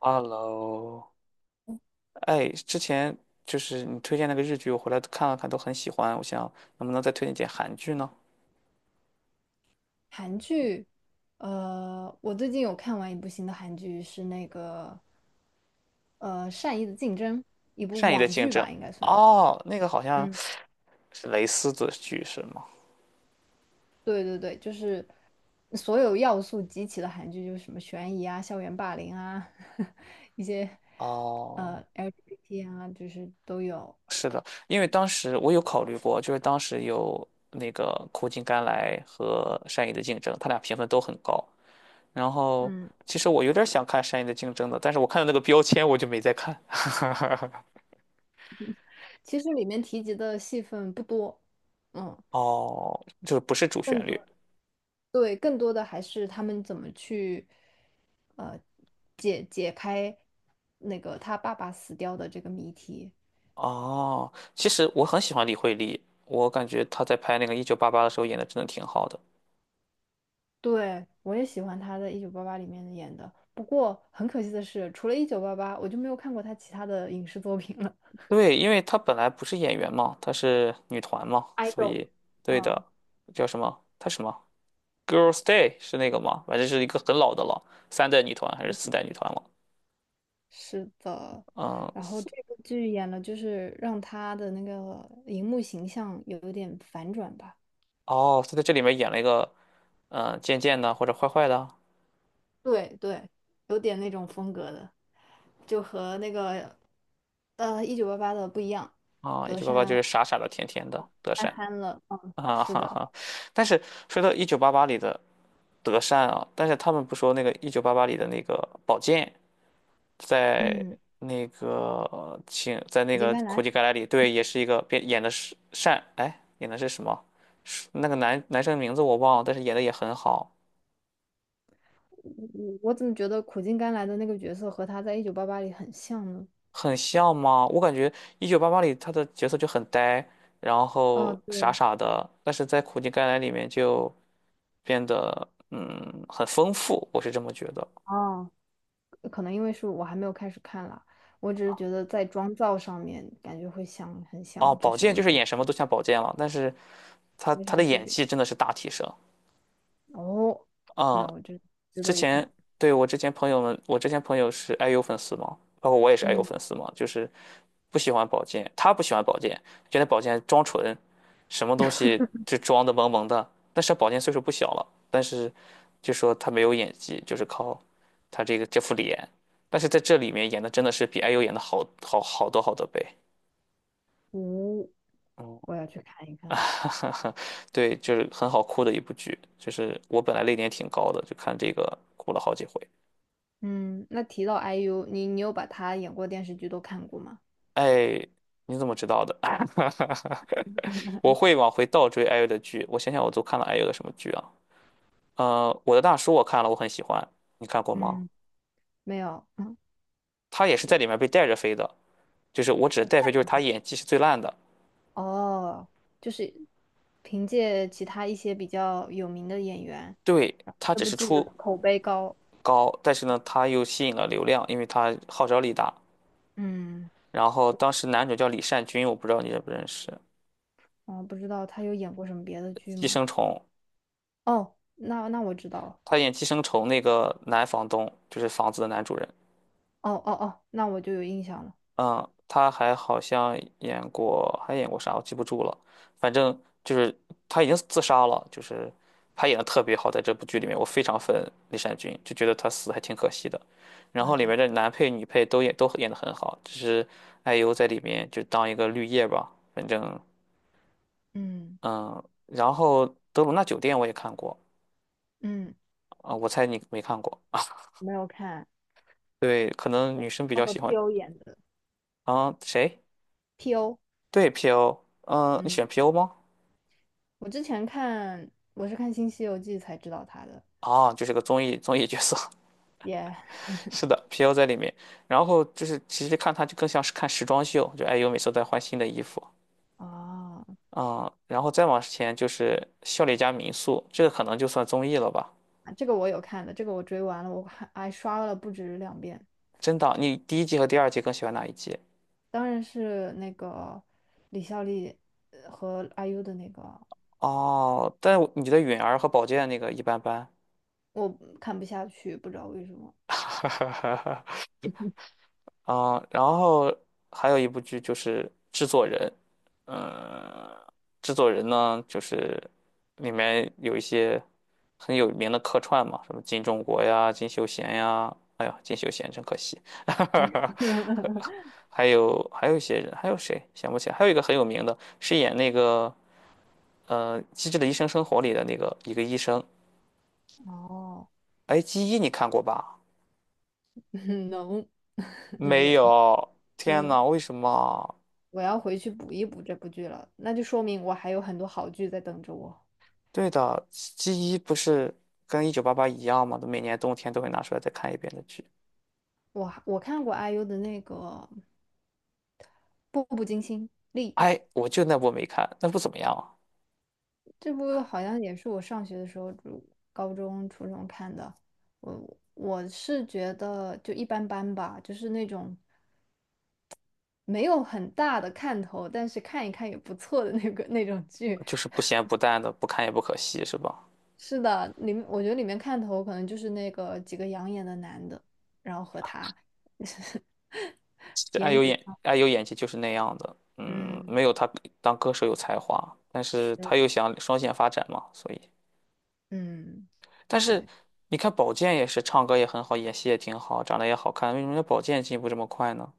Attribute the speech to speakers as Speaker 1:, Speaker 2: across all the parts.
Speaker 1: Hello，哎，之前就是你推荐那个日剧，我回来看了看，都很喜欢。我想能不能再推荐点韩剧呢？
Speaker 2: 韩剧，我最近有看完一部新的韩剧，是那个《善意的竞争》，一部
Speaker 1: 善意的
Speaker 2: 网
Speaker 1: 竞
Speaker 2: 剧
Speaker 1: 争。
Speaker 2: 吧，应该算。
Speaker 1: 哦，那个好像
Speaker 2: 嗯，
Speaker 1: 是蕾丝的剧是吗？
Speaker 2: 对对对，就是所有要素集齐的韩剧，就是什么悬疑啊、校园霸凌啊，一些
Speaker 1: 哦，
Speaker 2: LGBT 啊，就是都有。
Speaker 1: 因为当时我有考虑过，就是当时有那个《苦尽甘来》和《善意的竞争》，它俩评分都很高。然后
Speaker 2: 嗯，
Speaker 1: 其实我有点想看《善意的竞争》的，但是我看到那个标签我就没再看。
Speaker 2: 其实里面提及的戏份不多，嗯，
Speaker 1: 哦，就是不是主
Speaker 2: 更
Speaker 1: 旋
Speaker 2: 多，
Speaker 1: 律。
Speaker 2: 对，更多的还是他们怎么去。解开那个他爸爸死掉的这个谜题。
Speaker 1: 哦，其实我很喜欢李惠利，我感觉她在拍那个《一九八八》的时候演的真的挺好的。
Speaker 2: 对，我也喜欢他在《一九八八》里面演的，不过很可惜的是，除了《一九八八》，我就没有看过他其他的影视作品了。
Speaker 1: 对，因为她本来不是演员嘛，她是女团嘛，所
Speaker 2: idol，
Speaker 1: 以对
Speaker 2: 嗯
Speaker 1: 的。叫什么？她什么？Girls' Day 是那个吗？反正是一个很老的了，三代女团还是
Speaker 2: 嗯，
Speaker 1: 四代女团了？
Speaker 2: 是的，
Speaker 1: 嗯，
Speaker 2: 然后
Speaker 1: 四。
Speaker 2: 这部剧演了，就是让他的那个荧幕形象有一点反转吧。
Speaker 1: 哦，她在这里面演了一个贱贱的或者坏坏的。
Speaker 2: 对对，有点那种风格的，就和那个《一九八八》的不一样，
Speaker 1: 啊，《一
Speaker 2: 德
Speaker 1: 九八八》就
Speaker 2: 善。
Speaker 1: 是傻傻的、甜甜的德
Speaker 2: 憨
Speaker 1: 善。
Speaker 2: 憨了，嗯，
Speaker 1: 啊
Speaker 2: 是
Speaker 1: 哈
Speaker 2: 的，
Speaker 1: 哈，但是说到《一九八八》里的德善啊，但是他们不说那个《一九八八》里的那个宝剑，在
Speaker 2: 嗯，
Speaker 1: 那个请在那
Speaker 2: 苦尽
Speaker 1: 个
Speaker 2: 甘
Speaker 1: 苦
Speaker 2: 来，
Speaker 1: 尽甘来里，对，也是一个变演的是善，哎，演的是什么？是那个男生名字我忘了，但是演的也很好。
Speaker 2: 嗯我怎么觉得苦尽甘来的那个角色和他在《一九八八》里很像呢？
Speaker 1: 很像吗？我感觉《一九八八》里他的角色就很呆，然
Speaker 2: 哦，
Speaker 1: 后傻
Speaker 2: 对，
Speaker 1: 傻的，但是在苦尽甘来里面就变得很丰富，我是这么觉得。
Speaker 2: 哦，可能因为是我还没有开始看啦，我只是觉得在妆造上面感觉会像，很
Speaker 1: 哦，
Speaker 2: 像，就
Speaker 1: 宝
Speaker 2: 是
Speaker 1: 剑
Speaker 2: 我
Speaker 1: 就是
Speaker 2: 觉得
Speaker 1: 演什么都像宝剑了，但是他
Speaker 2: 没
Speaker 1: 他
Speaker 2: 啥
Speaker 1: 的
Speaker 2: 区
Speaker 1: 演
Speaker 2: 别。
Speaker 1: 技真的是大提升。
Speaker 2: 哦，
Speaker 1: 嗯，
Speaker 2: 那我就值
Speaker 1: 之
Speaker 2: 得一
Speaker 1: 前
Speaker 2: 看，
Speaker 1: 对，我之前朋友们，我之前朋友是 IU 粉丝嘛，包括我也是 IU
Speaker 2: 嗯，
Speaker 1: 粉丝嘛，就是不喜欢宝剑，他不喜欢宝剑，觉得宝剑装纯，什么东西就装的萌萌的。但是宝剑岁数不小了，但是就说他没有演技，就是靠他这副脸，但是在这里面演的真的是比 IU 演的好好多倍。
Speaker 2: 五、
Speaker 1: 嗯。
Speaker 2: 我要去看一 看。
Speaker 1: 啊，对，就是很好哭的一部剧，就是我本来泪点挺高的，就看这个哭了好几回。
Speaker 2: 嗯，那提到 IU，你有把他演过电视剧都看过吗？
Speaker 1: 哎，你怎么知道的？我会往回倒追 IU 的剧，我想想我都看了 IU 的什么剧啊？我的大叔我看了，我很喜欢，你看过吗？
Speaker 2: 嗯，没有，嗯，
Speaker 1: 他也是在
Speaker 2: 嗯
Speaker 1: 里面被带着飞的，就是我指的
Speaker 2: 不
Speaker 1: 带飞，就是他
Speaker 2: 看。
Speaker 1: 演技是最烂的。
Speaker 2: 哦，就是凭借其他一些比较有名的演员，
Speaker 1: 对，
Speaker 2: 然后
Speaker 1: 他
Speaker 2: 这
Speaker 1: 只
Speaker 2: 部
Speaker 1: 是
Speaker 2: 剧的
Speaker 1: 出
Speaker 2: 口碑高。
Speaker 1: 高，但是呢，他又吸引了流量，因为他号召力大。
Speaker 2: 嗯，
Speaker 1: 然后当时男主叫李善均，我不知道你认不认识，
Speaker 2: 我不知道他有演过什么别的剧
Speaker 1: 《寄
Speaker 2: 吗？
Speaker 1: 生虫》。
Speaker 2: 哦，那我知道了。
Speaker 1: 他演《寄生虫》那个男房东，就是房子的男主人。
Speaker 2: 哦哦哦，那我就有印象了。
Speaker 1: 嗯，他还好像演过，还演过啥我记不住了。反正就是他已经自杀了，就是他演的特别好，在这部剧里面，我非常粉李善均，就觉得他死得还挺可惜的。然后里面
Speaker 2: 哎，
Speaker 1: 的男配、女配都演得很好，只是艾优在里面就当一个绿叶吧。反正
Speaker 2: 嗯
Speaker 1: 嗯，然后《德鲁纳酒店》我也看过
Speaker 2: 嗯，
Speaker 1: 啊。我猜你没看过，啊？
Speaker 2: 没有看
Speaker 1: 对，可能女生比
Speaker 2: 他
Speaker 1: 较
Speaker 2: 和
Speaker 1: 喜欢。
Speaker 2: P.O 演的
Speaker 1: 啊，谁？
Speaker 2: P.O。
Speaker 1: 对，PO,嗯，你喜
Speaker 2: 嗯，
Speaker 1: 欢 PO 吗？
Speaker 2: 我是看《新西游记》才知道他的。
Speaker 1: 啊，就是个综艺角色。
Speaker 2: 也
Speaker 1: 是的，PO 在里面。然后就是其实看他就更像是看时装秀，就爱优每次都在换新的衣服
Speaker 2: 啊
Speaker 1: 啊、然后再往前就是《笑脸家民宿》，这个可能就算综艺了吧？
Speaker 2: 这个我有看的，这个我追完了，我还刷了不止两遍。
Speaker 1: 真的，你第一季和第二季更喜欢哪一季？
Speaker 2: 当然是那个李孝利和 IU 的那个，
Speaker 1: 哦，但我你的允儿和宝剑那个一般般。
Speaker 2: 我看不下去，不知道为什么。
Speaker 1: 啊，然后还有一部剧就是《制作人》。嗯，《制作人》呢，就是里面有一些很有名的客串嘛，什么金钟国呀、金秀贤呀，哎呀，金秀贤真可惜。还有一些人，还有谁想不起来？还有一个很有名的，是演那个《机智的医生生活》里的那个一个医生。
Speaker 2: 哦，
Speaker 1: 哎，《机医》你看过吧？
Speaker 2: 能，没
Speaker 1: 没
Speaker 2: 有，
Speaker 1: 有，天
Speaker 2: 嗯，
Speaker 1: 呐，为什么啊？
Speaker 2: 我要回去补一补这部剧了，那就说明我还有很多好剧在等着我。
Speaker 1: 对的，G 一不是跟一九八八一样吗？每年冬天都会拿出来再看一遍的剧。
Speaker 2: 我看过 IU 的那个《步步惊心》丽，
Speaker 1: 哎，我就那部没看，那部怎么样啊？
Speaker 2: 这部好像也是我上学的时候，就高中、初中看的。我是觉得就一般般吧，就是那种没有很大的看头，但是看一看也不错的那个那种剧。
Speaker 1: 就是不咸不淡的，不看也不可惜，是吧？
Speaker 2: 是的，里面我觉得里面看头可能就是那个几个养眼的男的，然后和他
Speaker 1: 爱
Speaker 2: 颜
Speaker 1: 有
Speaker 2: 值
Speaker 1: 演
Speaker 2: 上，
Speaker 1: 爱有演技就是那样的，嗯，
Speaker 2: 嗯，
Speaker 1: 没有他当歌手有才华，但是
Speaker 2: 是，
Speaker 1: 他又想双线发展嘛，所以，
Speaker 2: 嗯，
Speaker 1: 但是
Speaker 2: 对，
Speaker 1: 你看宝剑也是唱歌也很好，演戏也挺好，长得也好看，为什么人家宝剑进步这么快呢？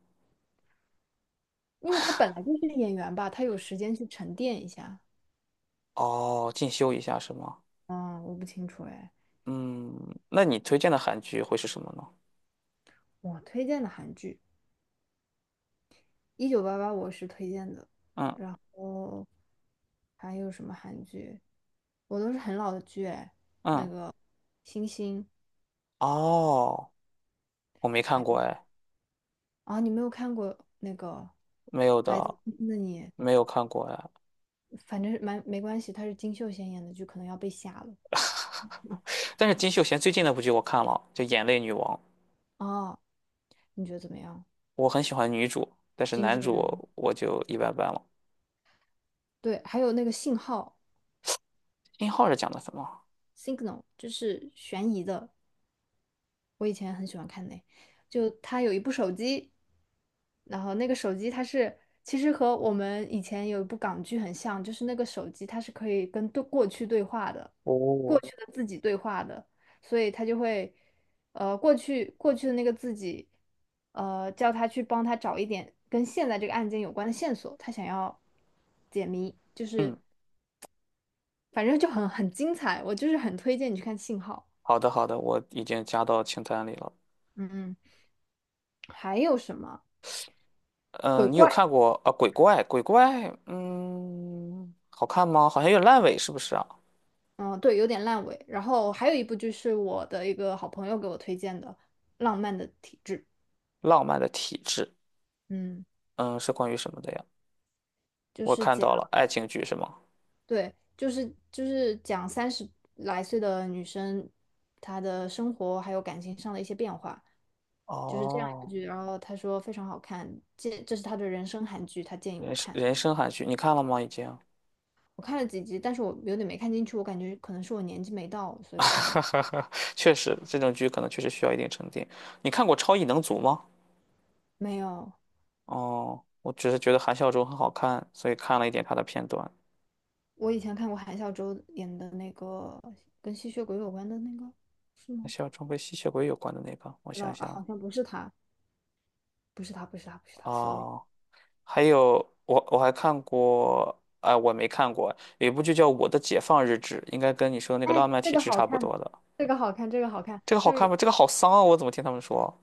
Speaker 2: 因为他本来就是演员吧，他有时间去沉淀一下。
Speaker 1: 哦，进修一下是吗？
Speaker 2: 嗯，我不清楚哎。
Speaker 1: 嗯，那你推荐的韩剧会是什么呢？
Speaker 2: 我推荐的韩剧《一九八八》我是推荐的，
Speaker 1: 嗯。
Speaker 2: 然后还有什么韩剧？我都是很老的剧哎，那
Speaker 1: 嗯。
Speaker 2: 个《星星》。
Speaker 1: 哦，我没看过哎，
Speaker 2: 啊，你没有看过那个
Speaker 1: 没有
Speaker 2: 《来自
Speaker 1: 的，
Speaker 2: 星星的你》，
Speaker 1: 没有看过哎。
Speaker 2: 反正是蛮没关系，他是金秀贤演的，就可能要被吓了。
Speaker 1: 但是金秀贤最近那部剧我看了，就《眼泪女王》，
Speaker 2: 哦，你觉得怎么样？
Speaker 1: 我很喜欢女主，但是
Speaker 2: 金智
Speaker 1: 男主
Speaker 2: 媛，
Speaker 1: 我就一般般了。
Speaker 2: 对，还有那个信号
Speaker 1: 殷号是讲的什么？
Speaker 2: （Signal），就是悬疑的，我以前很喜欢看那，就他有一部手机，然后那个手机它是，其实和我们以前有一部港剧很像，就是那个手机它是可以跟对过去对话的，过
Speaker 1: 哦，
Speaker 2: 去的自己对话的，所以它就会，过去的那个自己，叫他去帮他找一点跟现在这个案件有关的线索，他想要解谜，就
Speaker 1: 嗯，
Speaker 2: 是反正就很精彩，我就是很推荐你去看《信号》。
Speaker 1: 好的好的，我已经加到清单里了。
Speaker 2: 嗯，还有什么鬼
Speaker 1: 嗯，你有
Speaker 2: 怪？
Speaker 1: 看过啊？鬼怪，鬼怪，嗯，好看吗？好像有点烂尾，是不是啊？
Speaker 2: 嗯，对，有点烂尾。然后还有一部就是我的一个好朋友给我推荐的《浪漫的体质》，
Speaker 1: 浪漫的体质，
Speaker 2: 嗯，
Speaker 1: 嗯，是关于什么的呀？
Speaker 2: 就
Speaker 1: 我
Speaker 2: 是
Speaker 1: 看
Speaker 2: 讲，
Speaker 1: 到了，爱情剧是吗？
Speaker 2: 对，就是讲30来岁的女生她的生活还有感情上的一些变化，就是这样一部
Speaker 1: 哦。
Speaker 2: 剧。然后他说非常好看，这是他的人生韩剧，他建议我
Speaker 1: 人生
Speaker 2: 看。
Speaker 1: 人生韩剧，你看了吗？已经，
Speaker 2: 我看了几集，但是我有点没看进去，我感觉可能是我年纪没到，所以我看不进。
Speaker 1: 确实这种剧可能确实需要一定沉淀。你看过《超异能族》吗？
Speaker 2: 没有，
Speaker 1: 哦，我只是觉得韩孝周很好看，所以看了一点他的片段。
Speaker 2: 我以前看过韩孝周演的那个跟吸血鬼有关的那个。是
Speaker 1: 韩
Speaker 2: 吗？
Speaker 1: 孝周跟吸血鬼有关的那个，我
Speaker 2: 知道
Speaker 1: 想
Speaker 2: 啊，好
Speaker 1: 想。
Speaker 2: 像不是他，不是他，不是他，不是他，sorry。
Speaker 1: 哦，还有我还看过，哎，我没看过，有一部剧叫《我的解放日志》，应该跟你说的那个
Speaker 2: 哎，
Speaker 1: 《浪漫
Speaker 2: 这
Speaker 1: 体
Speaker 2: 个
Speaker 1: 质》
Speaker 2: 好
Speaker 1: 差不
Speaker 2: 看，
Speaker 1: 多的。
Speaker 2: 这个好看，这个好看，
Speaker 1: 这个好看
Speaker 2: 这
Speaker 1: 吗？这个好丧啊！我怎么听他们说？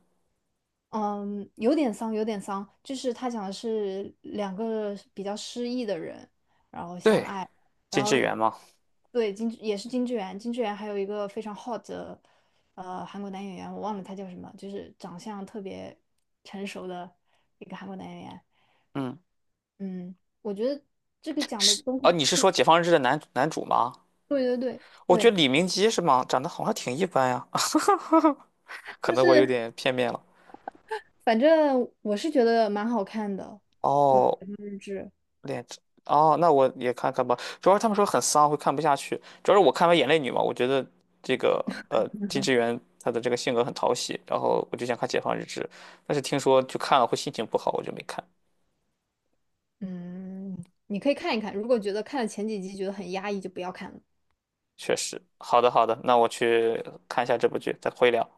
Speaker 2: 嗯，有点丧，有点丧，就是他讲的是两个比较失意的人，然后相
Speaker 1: 对，
Speaker 2: 爱，然
Speaker 1: 金智
Speaker 2: 后
Speaker 1: 媛吗？
Speaker 2: 对金也是金智媛，金智媛还有一个非常 hot 的韩国男演员，我忘了他叫什么，就是长相特别成熟的一个韩国男演员，
Speaker 1: 嗯，
Speaker 2: 嗯，我觉得这个讲的
Speaker 1: 是
Speaker 2: 东
Speaker 1: 啊，你是
Speaker 2: 西，
Speaker 1: 说《解放日志》的男男主吗？
Speaker 2: 对对对
Speaker 1: 我觉得
Speaker 2: 对，
Speaker 1: 李明基是吗？长得好像挺一般呀，可
Speaker 2: 就
Speaker 1: 能我有
Speaker 2: 是。
Speaker 1: 点片面了。
Speaker 2: 反正我是觉得蛮好看的
Speaker 1: 哦，
Speaker 2: 日志，
Speaker 1: 脸长，哦，那我也看看吧。主要是他们说很丧，会看不下去。主要是我看完《眼泪女》嘛，我觉得这个金智媛她的这个性格很讨喜，然后我就想看《解放日志》，但是听说就看了会心情不好，我就没看。
Speaker 2: 嗯，你可以看一看。如果觉得看了前几集觉得很压抑，就不要看了。
Speaker 1: 确实，好的好的，那我去看一下这部剧，再会聊。